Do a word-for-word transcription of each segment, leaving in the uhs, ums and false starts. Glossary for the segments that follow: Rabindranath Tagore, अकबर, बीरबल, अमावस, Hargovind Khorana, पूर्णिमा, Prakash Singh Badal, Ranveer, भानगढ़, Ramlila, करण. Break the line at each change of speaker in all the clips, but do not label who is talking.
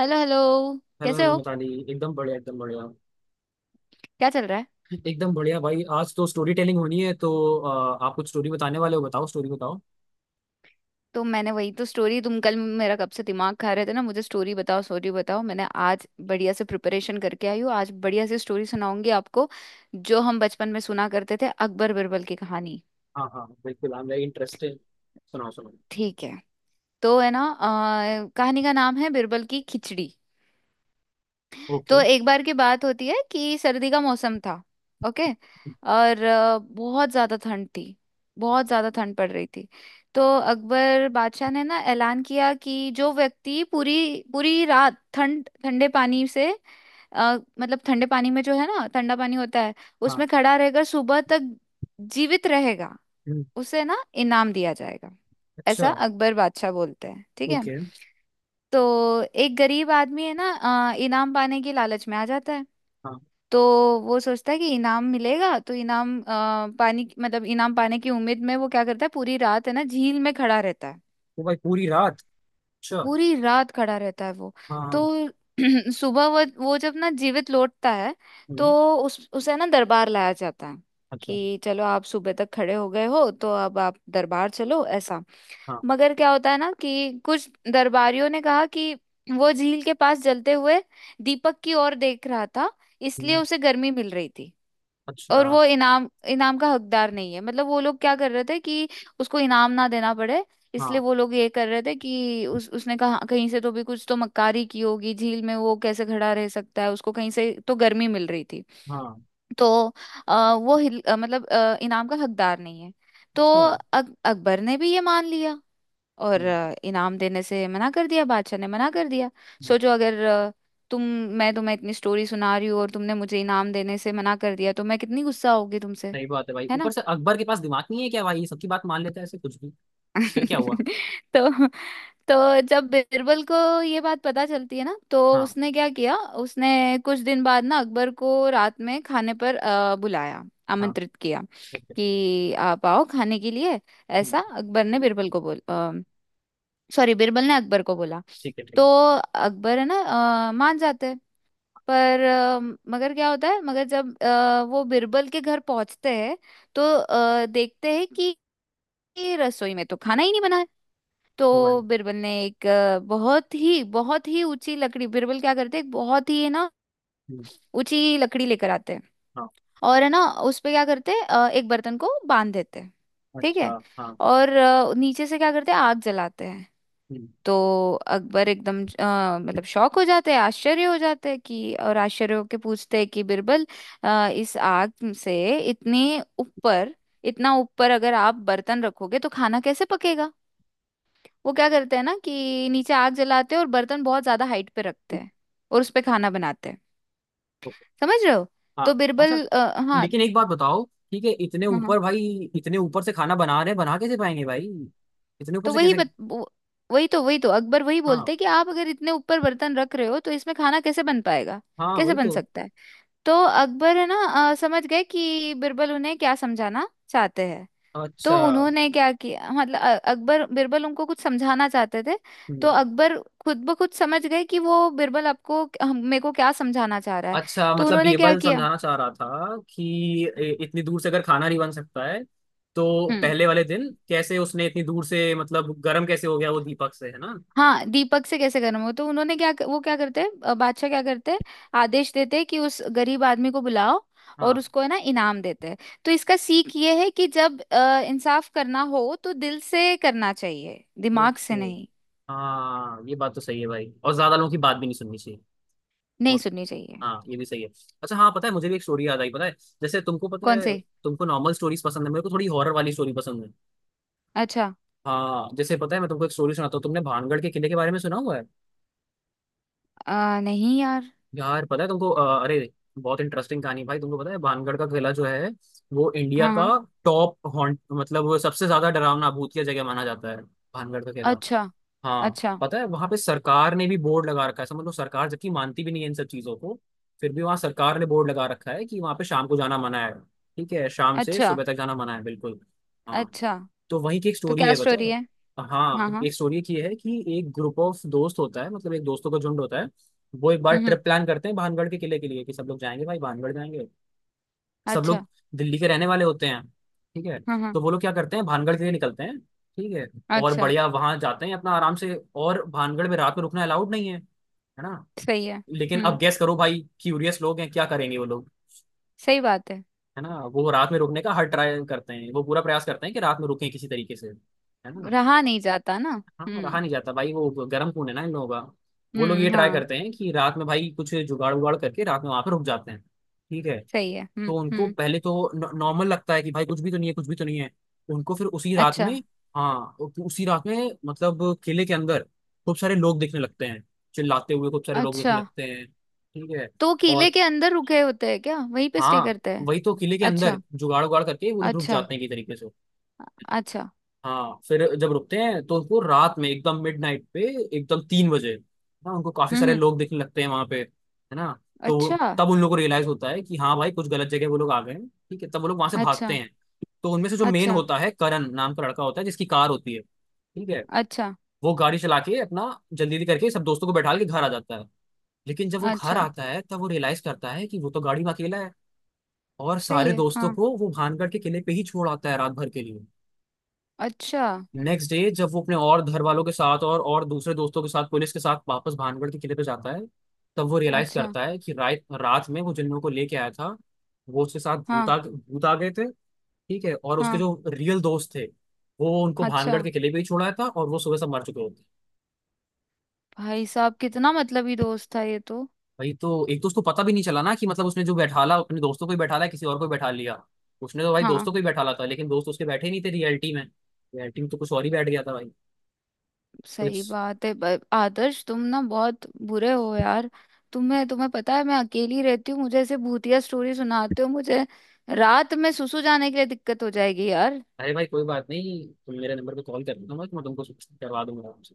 Hello hello.
Hello
कैसे
hello
हो?
मिताली। एकदम बढ़िया एकदम बढ़िया
क्या चल रहा है?
एकदम बढ़िया भाई। आज तो स्टोरी टेलिंग होनी है तो अ, आप कुछ स्टोरी बताने वाले हो, बताओ स्टोरी बताओ।
तो मैंने वही तो स्टोरी, तुम कल मेरा कब से दिमाग खा रहे थे ना, मुझे स्टोरी बताओ स्टोरी बताओ। मैंने आज बढ़िया से प्रिपरेशन करके आई हूँ, आज बढ़िया से स्टोरी सुनाऊंगी आपको। जो हम बचपन में सुना करते थे, अकबर बिरबल की कहानी।
हाँ हाँ बिल्कुल, आई एम वेरी इंटरेस्टेड। सुनाओ सुनाओ।
ठीक है। तो है ना, अ, कहानी का नाम है बिरबल की खिचड़ी। तो
ओके।
एक बार की बात होती है कि सर्दी का मौसम था। ओके। और अ, बहुत ज्यादा ठंड थी। बहुत ज्यादा ठंड पड़ रही थी। तो अकबर बादशाह ने ना ऐलान किया कि जो व्यक्ति पूरी पूरी रात ठंड ठंडे पानी से, अ, मतलब ठंडे पानी में, जो है ना ठंडा पानी होता है,
हाँ।
उसमें खड़ा रहकर सुबह तक जीवित रहेगा,
हम्म।
उसे ना इनाम दिया जाएगा।
अच्छा।
ऐसा अकबर बादशाह बोलते हैं। ठीक है।
ओके।
तो एक गरीब आदमी है ना, अ, इनाम पाने की लालच में आ जाता है।
हाँ।
तो वो सोचता है कि इनाम मिलेगा तो इनाम अ, पानी की- मतलब इनाम पाने की उम्मीद में वो क्या करता है, पूरी रात है ना झील में खड़ा रहता है।
तो भाई पूरी रात। अच्छा। हाँ।
पूरी रात खड़ा रहता है वो।
हाँ।
तो सुबह वो वो जब ना जीवित लौटता है, तो
हम्म।
उस उसे ना दरबार लाया जाता है
अच्छा।
कि चलो आप सुबह तक खड़े हो गए हो तो अब आप दरबार चलो, ऐसा।
हाँ।
मगर क्या होता है ना, कि कुछ दरबारियों ने कहा कि वो झील के पास जलते हुए दीपक की ओर देख रहा था, इसलिए
हम्म।
उसे गर्मी मिल रही थी,
अच्छा।
और वो इनाम इनाम का हकदार नहीं है। मतलब वो लोग क्या कर रहे थे कि उसको इनाम ना देना पड़े, इसलिए
हाँ।
वो लोग ये कर रहे थे कि उस उसने कहा कहीं से तो भी कुछ तो मक्कारी की होगी, झील में वो कैसे खड़ा रह सकता है, उसको कहीं से तो गर्मी मिल रही थी।
हाँ।
तो अ, वो हिल, अ, मतलब अ, इनाम का हकदार नहीं है। तो
अच्छा। हम्म।
अक, अकबर ने भी ये मान लिया और अ, इनाम देने से मना कर दिया, बादशाह ने मना कर दिया।
हम्म।
सोचो अगर अ, तुम, मैं तुम्हें इतनी स्टोरी सुना रही हूँ और तुमने मुझे इनाम देने से मना कर दिया तो मैं कितनी गुस्सा होगी तुमसे।
सही बात है भाई,
है
ऊपर
ना।
से अकबर के पास दिमाग नहीं है क्या भाई? ये सबकी बात मान लेता है ऐसे कुछ भी। फिर क्या हुआ?
तो तो जब बिरबल को ये बात पता चलती है ना, तो
हाँ।
उसने क्या किया? उसने कुछ दिन बाद ना अकबर को रात में खाने पर अ, बुलाया,
हाँ।
आमंत्रित किया
ओके।
कि आप आओ खाने के लिए, ऐसा
हम्म।
अकबर ने बिरबल को बोल सॉरी बिरबल ने अकबर को बोला।
ठीक है।
तो
ठीक
अकबर है ना अ, मान जाते हैं। पर अ, मगर क्या होता है, मगर जब अ, वो बिरबल के घर पहुंचते हैं, तो अ, देखते हैं कि कि रसोई में तो खाना ही नहीं बना है।
है। भाई।
तो बिरबल ने एक अ, बहुत ही बहुत ही ऊंची लकड़ी बिरबल क्या करते हैं, एक बहुत ही है ना ऊंची लकड़ी लेकर आते हैं,
हाँ।
और है ना उस पे क्या करते हैं, अ, एक बर्तन को बांध देते हैं। ठीक
अच्छा।
है।
हाँ।
और अ, नीचे से क्या करते हैं, आग जलाते हैं।
हम्म।
तो अकबर एकदम अ, मतलब शौक हो जाते हैं, आश्चर्य हो जाते हैं कि, और आश्चर्य होके पूछते हैं कि बिरबल अ, इस आग से इतने ऊपर इतना ऊपर अगर आप बर्तन रखोगे तो खाना कैसे पकेगा? वो क्या करते हैं ना कि नीचे आग जलाते हैं और बर्तन बहुत ज्यादा हाइट पे रखते हैं और उस पे खाना बनाते हैं।
तो।
समझ रहे हो? तो
हाँ अच्छा।
बिरबल अ, हाँ
लेकिन एक बात बताओ। ठीक है इतने
हाँ हाँ,
ऊपर भाई, इतने ऊपर से खाना बना रहे हैं, बना कैसे पाएंगे भाई? इतने ऊपर
तो
से
वही
कैसे?
बत, वो- वही तो वही तो अकबर वही बोलते
हाँ।
हैं कि आप अगर इतने ऊपर बर्तन रख रहे हो तो इसमें खाना कैसे बन पाएगा,
हाँ
कैसे
वही
बन
तो।
सकता है। तो अकबर है ना अ, समझ गए कि बिरबल उन्हें क्या समझाना चाहते हैं। तो
अच्छा।
उन्होंने क्या किया, मतलब अ- अकबर बिरबल उनको कुछ समझाना चाहते थे।
हम्म।
तो अकबर खुद ब खुद समझ गए कि वो बिरबल आपको हम- मेरे को क्या समझाना चाह रहा है।
अच्छा
तो
मतलब
उन्होंने
ये
क्या
बात
किया।
समझाना चाह रहा था कि ए- इतनी दूर से अगर खाना नहीं बन सकता है तो
हम्म,
पहले वाले दिन कैसे उसने इतनी दूर से मतलब गर्म कैसे हो गया वो दीपक से, है ना।
हाँ दीपक से कैसे करना हो तो उन्होंने क्या, वो क्या करते हैं, अ, बादशाह क्या करते हैं, आदेश देते हैं कि उस गरीब आदमी को बुलाओ और
हाँ।
उसको है ना इनाम देते हैं। तो इसका सीख ये है कि जब अ, इंसाफ करना हो तो दिल से करना चाहिए, दिमाग
ओके।
से नहीं।
हाँ ये बात तो सही है भाई, और ज्यादा लोगों की बात भी नहीं सुननी चाहिए।
नहीं
वो-
सुननी चाहिए।
हाँ ये भी सही है। अच्छा हाँ, पता है मुझे भी एक स्टोरी याद आई, पता है। जैसे तुमको पता
कौन
है,
से?
तुमको नॉर्मल स्टोरीज पसंद है, मेरे को थोड़ी हॉरर वाली स्टोरी पसंद है।
अच्छा,
हाँ जैसे पता है, मैं तुमको एक स्टोरी सुनाता हूँ। तुमने भानगढ़ के किले के बारे में सुना हुआ है?
अ, नहीं यार।
यार पता है तुमको अ, अरे, बहुत इंटरेस्टिंग कहानी है भाई। तुमको पता है भानगढ़ का किला जो है वो इंडिया
हाँ
का
हाँ।
टॉप हॉन्ट, मतलब वो सबसे ज्यादा डरावना भूतिया जगह माना जाता है, भानगढ़ का किला।
अच्छा।
हाँ
अच्छा।
पता है वहां पे सरकार ने भी बोर्ड लगा रखा है, समझ लो, सरकार जबकि मानती भी नहीं है इन सब चीजों को। फिर भी वहां सरकार ने बोर्ड लगा रखा है कि वहां पे शाम को जाना मना है। ठीक है, शाम से
अच्छा।
सुबह तक जाना मना है बिल्कुल। हाँ।
अच्छा।
तो वहीं की एक
तो
स्टोरी
क्या
है, बता।
स्टोरी है?
हाँ
हाँ हाँ।
एक स्टोरी की है कि एक ग्रुप ऑफ दोस्त होता है, मतलब एक दोस्तों का झुंड होता है। वो एक बार
हम्म हम्म।
ट्रिप प्लान करते हैं भानगढ़ के किले के लिए कि सब लोग जाएंगे भाई, भानगढ़ जाएंगे। सब लोग
अच्छा।
दिल्ली के रहने वाले होते हैं। ठीक है।
हाँ हाँ।
तो वो लोग क्या करते हैं, भानगढ़ के लिए निकलते हैं, ठीक है, और
अच्छा।
बढ़िया वहां जाते हैं अपना आराम से। और भानगढ़ में रात में रुकना अलाउड नहीं है, है ना।
सही है।
लेकिन अब
हम्म।
गेस करो भाई, क्यूरियस लोग हैं, क्या करेंगे वो लोग?
सही बात है।
है ना, वो रात में रुकने का हर ट्राई करते हैं, वो पूरा प्रयास करते हैं कि रात में रुकें किसी तरीके से, है ना।
रहा नहीं जाता ना।
हाँ रहा
हम्म
नहीं जाता भाई, वो गर्म खून है ना इन लोगों का। वो लोग ये
हम्म।
ट्राई
हाँ।
करते हैं कि रात में भाई कुछ जुगाड़ उगाड़ करके रात में वहां पर रुक जाते हैं। ठीक है।
सही है।
तो
हम्म
उनको
हम्म।
पहले तो नॉर्मल लगता है कि भाई कुछ भी तो नहीं है, कुछ भी तो नहीं है। उनको फिर उसी रात
अच्छा।
में, हाँ उ- उसी रात में मतलब किले के अंदर खूब सारे लोग दिखने लगते हैं, चिल्लाते हुए खूब सारे लोग
अच्छा
दिखने लगते हैं। ठीक है।
तो किले
और
के अंदर रुके होते हैं क्या, वहीं पे स्टे
हाँ,
करते हैं?
वही तो, किले के
अच्छा।
अंदर जुगाड़ उगाड़ करके वो लोग रुक
अच्छा।
जाते हैं एक तरीके से।
अच्छा।
हाँ फिर जब रुकते हैं तो उनको रात में एकदम मिडनाइट पे, एकदम तीन बजे ना, उनको काफी
हम्म
सारे
हम्म।
लोग दिखने लगते हैं वहां पे, है ना। तो
अच्छा।
तब उन लोगों को रियलाइज होता है कि हाँ भाई कुछ गलत जगह वो लोग आ गए हैं। ठीक है, तब वो लोग वहां से भागते
अच्छा।
हैं। तो उनमें से जो मेन
अच्छा।
होता है, करण नाम का लड़का होता है जिसकी कार होती है, ठीक है,
अच्छा।
वो गाड़ी चला के अपना जल्दी जल्दी करके सब दोस्तों को बैठा के घर आ जाता है। लेकिन जब वो घर
अच्छा।
आता है तब वो रियलाइज करता है कि वो तो गाड़ी में अकेला है। और
सही
सारे
है।
दोस्तों
हाँ।
को वो भानगढ़ के किले पे ही छोड़ आता है रात भर के लिए।
अच्छा।
नेक्स्ट डे जब वो अपने और घर वालों के साथ और और दूसरे दोस्तों के साथ पुलिस के साथ वापस भानगढ़ के किले पे जाता है, तब वो रियलाइज
अच्छा।
करता है कि रात रात में वो जिन लोगों को लेके आया था वो उसके साथ भूत
हाँ
आ भूत आ गए थे। ठीक है, और उसके
हाँ।
जो रियल दोस्त थे वो उनको
अच्छा,
भानगढ़ के किले पे ही छोड़ा था, और वो सुबह से मर चुके होते।
भाई साहब कितना मतलबी दोस्त था ये तो।
भाई तो एक तो उसको पता भी नहीं चला ना, कि मतलब उसने जो बैठाला अपने दोस्तों को ही बैठाला है, किसी और को ही बैठा लिया। उसने तो भाई
हाँ।
दोस्तों को ही बैठाला था लेकिन दोस्त उसके बैठे ही नहीं थे रियलिटी में। रियलिटी में तो कुछ और ही बैठ गया था भाई। तो
सही
इट्स।
बात है। ब- आदर्श तुम ना बहुत बुरे हो यार। तुम्हें, तुम्हें पता है मैं अकेली रहती हूँ, मुझे ऐसे भूतिया स्टोरी सुनाते हो। मुझे रात में सुसु जाने के लिए दिक्कत हो जाएगी यार।
अरे भाई कोई बात नहीं, तुम मेरे नंबर पे कॉल कर लेना, मैं मैं तुमको करवा दूंगा आराम से।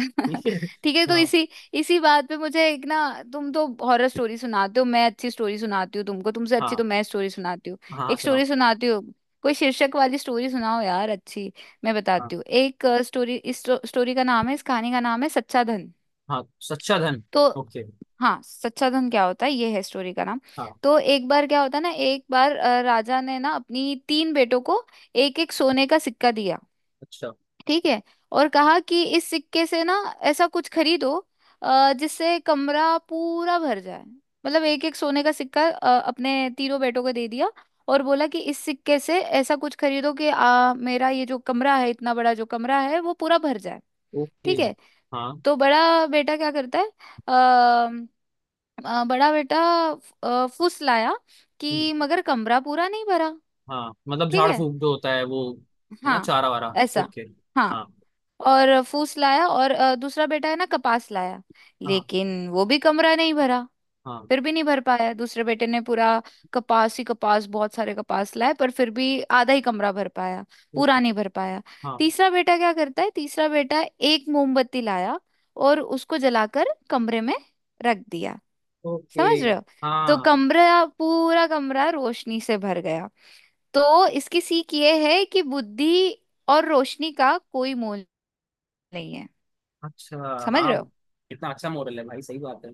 ठीक है।
ठीक है तो
हाँ।
इसी इसी बात पे मुझे एक ना, तुम तो हॉरर स्टोरी सुनाते हो, मैं अच्छी स्टोरी सुनाती हूँ तुमको, तुमसे अच्छी
हाँ।
तो मैं स्टोरी सुनाती हूँ।
हाँ हाँ
एक स्टोरी
सुनाओ।
सुनाती हूँ। कोई शीर्षक वाली स्टोरी सुनाओ यार अच्छी। मैं
हाँ।
बताती हूँ एक स्टोरी। इस स्टोरी का नाम है इस कहानी का नाम है सच्चा धन।
हाँ। सच्चा धन।
तो
ओके।
हाँ सच्चा धन क्या होता है, ये है स्टोरी का नाम।
हाँ।
तो एक बार क्या होता है ना, एक बार अ, राजा ने ना अपनी तीन बेटों को एक एक सोने का सिक्का दिया।
अच्छा।
ठीक है। और कहा कि इस सिक्के से ना ऐसा कुछ खरीदो अ, जिससे कमरा पूरा भर जाए, मतलब एक एक सोने का सिक्का अ, अपने तीनों बेटों को दे दिया और बोला कि इस सिक्के से ऐसा कुछ खरीदो कि आ, मेरा ये जो कमरा है, इतना बड़ा जो कमरा है, वो पूरा भर जाए।
ओके।
ठीक है।
हाँ।
तो बड़ा बेटा क्या करता है? अ अ, बड़ा बेटा अ, फुस लाया, कि
हम्म।
मगर कमरा पूरा नहीं भरा।
हाँ मतलब
ठीक
झाड़
है।
फूक जो होता है, वो, है ना,
हाँ।
चारा वारा,
ऐसा।
ओके।
हाँ।
हाँ।
और फूस लाया, और अ, दूसरा बेटा है ना कपास लाया,
हाँ।
लेकिन वो भी कमरा नहीं भरा।
हाँ।
फिर भी नहीं भर पाया दूसरे बेटे ने पूरा। कपास ही कपास, बहुत सारे कपास लाए, पर फिर भी आधा ही कमरा भर पाया, पूरा
ओके।
नहीं भर पाया।
हाँ।
तीसरा बेटा क्या करता है, तीसरा बेटा एक मोमबत्ती लाया और उसको जलाकर कमरे में रख दिया।
ओके।
समझ रहे हो। तो
हाँ।
कमरा पूरा कमरा रोशनी से भर गया। तो इसकी सीख ये है कि बुद्धि और रोशनी का कोई मोल नहीं है।
अच्छा।
समझ
हाँ
रहे हो।
कितना अच्छा मॉडल है भाई, सही बात है।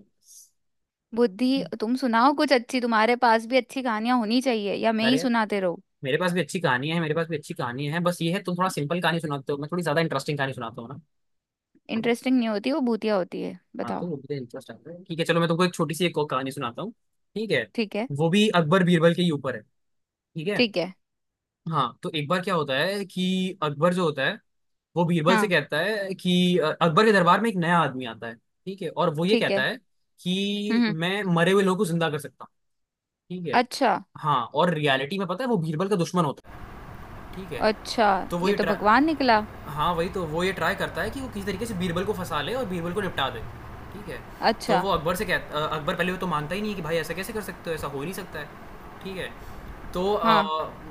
बुद्धि। तुम सुनाओ कुछ अच्छी, तुम्हारे पास भी अच्छी कहानियां होनी चाहिए, या मैं ही
अरे
सुनाते रहूं।
मेरे पास भी अच्छी कहानी है, मेरे पास भी अच्छी कहानी है, बस ये है तुम थोड़ा सिंपल कहानी सुनाते हो, मैं थोड़ी ज्यादा इंटरेस्टिंग कहानी सुनाता हूँ ना।
इंटरेस्टिंग नहीं होती वो, भूतिया होती है,
हाँ तो
बताओ।
वो मुझे इंटरेस्ट आता है। ठीक है, चलो मैं तुमको एक छोटी सी एक और कहानी सुनाता हूँ। ठीक है।
ठीक है।
वो भी अकबर बीरबल के ही ऊपर है। ठीक है।
ठीक है।
हाँ तो एक बार क्या होता है कि अकबर जो होता है वो बीरबल से
हाँ।
कहता है कि अ, अकबर के दरबार में एक नया आदमी आता है, ठीक है, और वो ये
ठीक है।
कहता है
हम्म
कि
हम्म।
मैं मरे हुए लोगों को जिंदा कर सकता हूँ। ठीक है।
अच्छा।
हाँ और रियलिटी में पता है, वो बीरबल का दुश्मन होता है, ठीक है।
अच्छा
तो वो
ये
ये
तो
ट्रा-
भगवान निकला।
हाँ, वही तो, वो ये ट्राई करता है कि वो किसी तरीके से बीरबल को फंसा ले और बीरबल को निपटा दे। ठीक है। तो
अच्छा।
वो अकबर से कहता अ, अकबर पहले वो तो मानता ही नहीं है कि भाई ऐसा कैसे कर सकते हो, ऐसा हो ही नहीं सकता है। ठीक है। तो अ,
हाँ।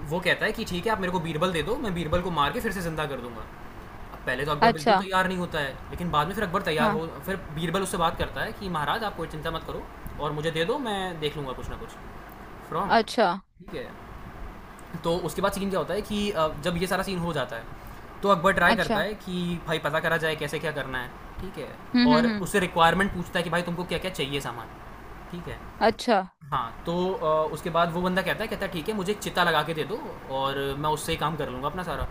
वो कहता है कि ठीक है आप मेरे को बीरबल दे दो, मैं बीरबल को मार के फिर से ज़िंदा कर दूंगा। अब पहले तो अकबर बिल्कुल
अच्छा।
तैयार नहीं होता है, लेकिन बाद में फिर अकबर तैयार
हाँ।
हो, फिर बीरबल उससे बात करता है कि महाराज आप कोई चिंता मत करो और मुझे दे दो, मैं देख लूँगा कुछ ना कुछ। फ्रॉम।
अच्छा।
ठीक है। तो उसके बाद सीन क्या होता है कि अ, जब ये सारा सीन हो जाता है तो अकबर ट्राई करता
अच्छा।
है कि भाई पता करा जाए कैसे क्या करना है। ठीक है।
हम्म
और
हम्म हम्म।
उससे रिक्वायरमेंट पूछता है कि भाई तुमको क्या क्या चाहिए सामान। ठीक है।
अच्छा।
हाँ तो अ, उसके बाद वो बंदा कहता है, कहता है ठीक है मुझे एक चिता लगा के दे दो और मैं उससे ही काम कर लूँगा अपना सारा।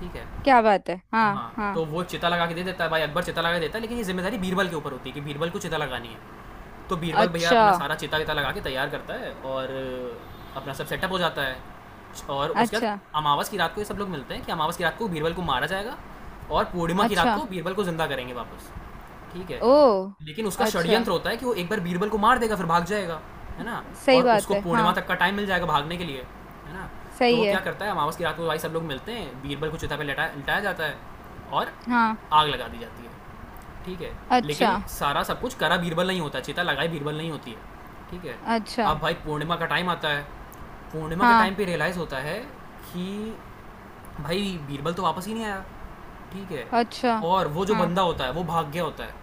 ठीक है।
क्या बात है, हाँ
हाँ,
हाँ।
तो वो चिता लगा के दे देता है भाई, अकबर चिता लगा के देता है लेकिन ये जिम्मेदारी बीरबल के ऊपर होती है कि बीरबल को चिता लगानी है। तो बीरबल भैया
अच्छा।
अपना सारा चिता विता लगा के तैयार करता है और अपना सब सेटअप हो जाता है। और उसके बाद
अच्छा।
अमावस की रात को ये सब लोग मिलते हैं कि अमावस की रात को बीरबल को मारा जाएगा और पूर्णिमा की रात
अच्छा।
को बीरबल को ज़िंदा करेंगे वापस। ठीक है।
ओ।
लेकिन उसका
अच्छा।
षड्यंत्र होता है कि वो एक बार बीरबल को मार देगा फिर भाग जाएगा, है ना,
सही
और
बात
उसको
है
पूर्णिमा
हाँ।
तक का टाइम मिल जाएगा भागने के लिए, है ना। तो
सही
वो क्या
है।
करता है, अमावस की रात को भाई सब लोग मिलते हैं, बीरबल को चिता पे लटा लिटाया जाता है और
हाँ।
आग लगा दी जाती है। ठीक है।
अच्छा।
लेकिन सारा सब कुछ करा बीरबल नहीं होता, चिता लगाई बीरबल नहीं होती है। ठीक है।
अच्छा।
अब भाई पूर्णिमा का टाइम आता है, पूर्णिमा के टाइम
हाँ।
पे रियलाइज़ होता है कि भाई बीरबल तो वापस ही नहीं आया। ठीक है।
अच्छा।
और वो जो
हाँ।
बंदा होता है वो भाग गया होता है।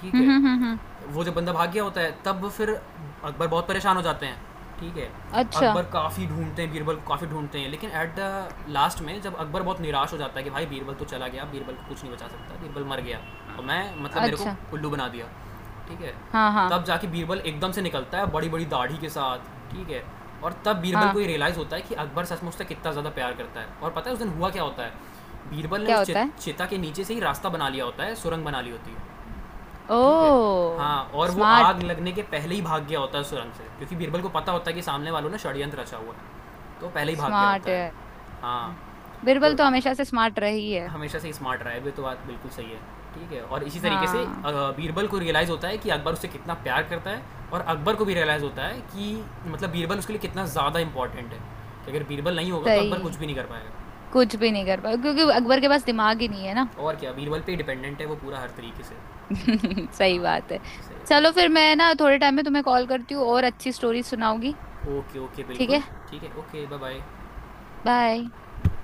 ठीक
हम्म
है।
हम्म हम्म हम्म।
वो जब बंदा भाग गया होता है तब फिर अकबर बहुत परेशान हो जाते हैं। ठीक है।
अच्छा।
अकबर काफ़ी ढूंढते हैं बीरबल को, काफ़ी ढूंढते हैं लेकिन एट द लास्ट में जब अकबर बहुत निराश हो जाता है कि भाई बीरबल तो चला गया, बीरबल को कुछ नहीं बचा सकता, बीरबल मर गया
अ-
और मैं, मतलब मेरे को
अच्छा।
उल्लू बना दिया। ठीक है।
हाँ। हाँ।
तब जाके बीरबल एकदम से निकलता है बड़ी बड़ी दाढ़ी के साथ। ठीक है। और तब बीरबल
हाँ।
को ये रियलाइज़ होता है कि अकबर सच में उससे कितना ज़्यादा प्यार करता है। और पता है उस दिन हुआ क्या होता है,
अम,
बीरबल ने
क्या
उस चे-
होता है?
चेता के नीचे से ही रास्ता बना लिया होता है, सुरंग बना ली होती है।
ओ।
ठीक है। हाँ और वो आग
स्मार्ट।
लगने के पहले ही भाग गया होता है सुरंग से, क्योंकि बीरबल को पता होता है कि सामने वालों ने षड्यंत्र रचा हुआ है, तो पहले ही भाग गया
स्मार्ट
होता है।
है।
हाँ
बिरबल
तो
तो हमेशा से स्मार्ट रही है।
हमेशा से स्मार्ट रहा है, ये तो बात बिल्कुल सही है। ठीक है और इसी तरीके से
हाँ।
अ, बीरबल को रियलाइज़ होता है कि अकबर उससे कितना प्यार करता है, और अकबर को भी रियलाइज़ होता है कि मतलब बीरबल उसके लिए कितना ज़्यादा इंपॉर्टेंट है, कि अगर बीरबल नहीं होगा तो अकबर कुछ
सही।
भी नहीं कर पाएगा।
कुछ भी नहीं कर पाया क्योंकि
हाँ
अकबर के पास दिमाग ही नहीं है ना।
और क्या, बीरबल पे डिपेंडेंट है वो पूरा हर तरीके से।
सही
हाँ
बात है।
सही
चलो
बात
फिर मैं ना थोड़े टाइम में तुम्हें कॉल करती हूँ और अच्छी स्टोरी सुनाऊंगी।
है। ओके ओके
ठीक
बिल्कुल।
है।
ठीक है ओके बाय बाय।
बाय।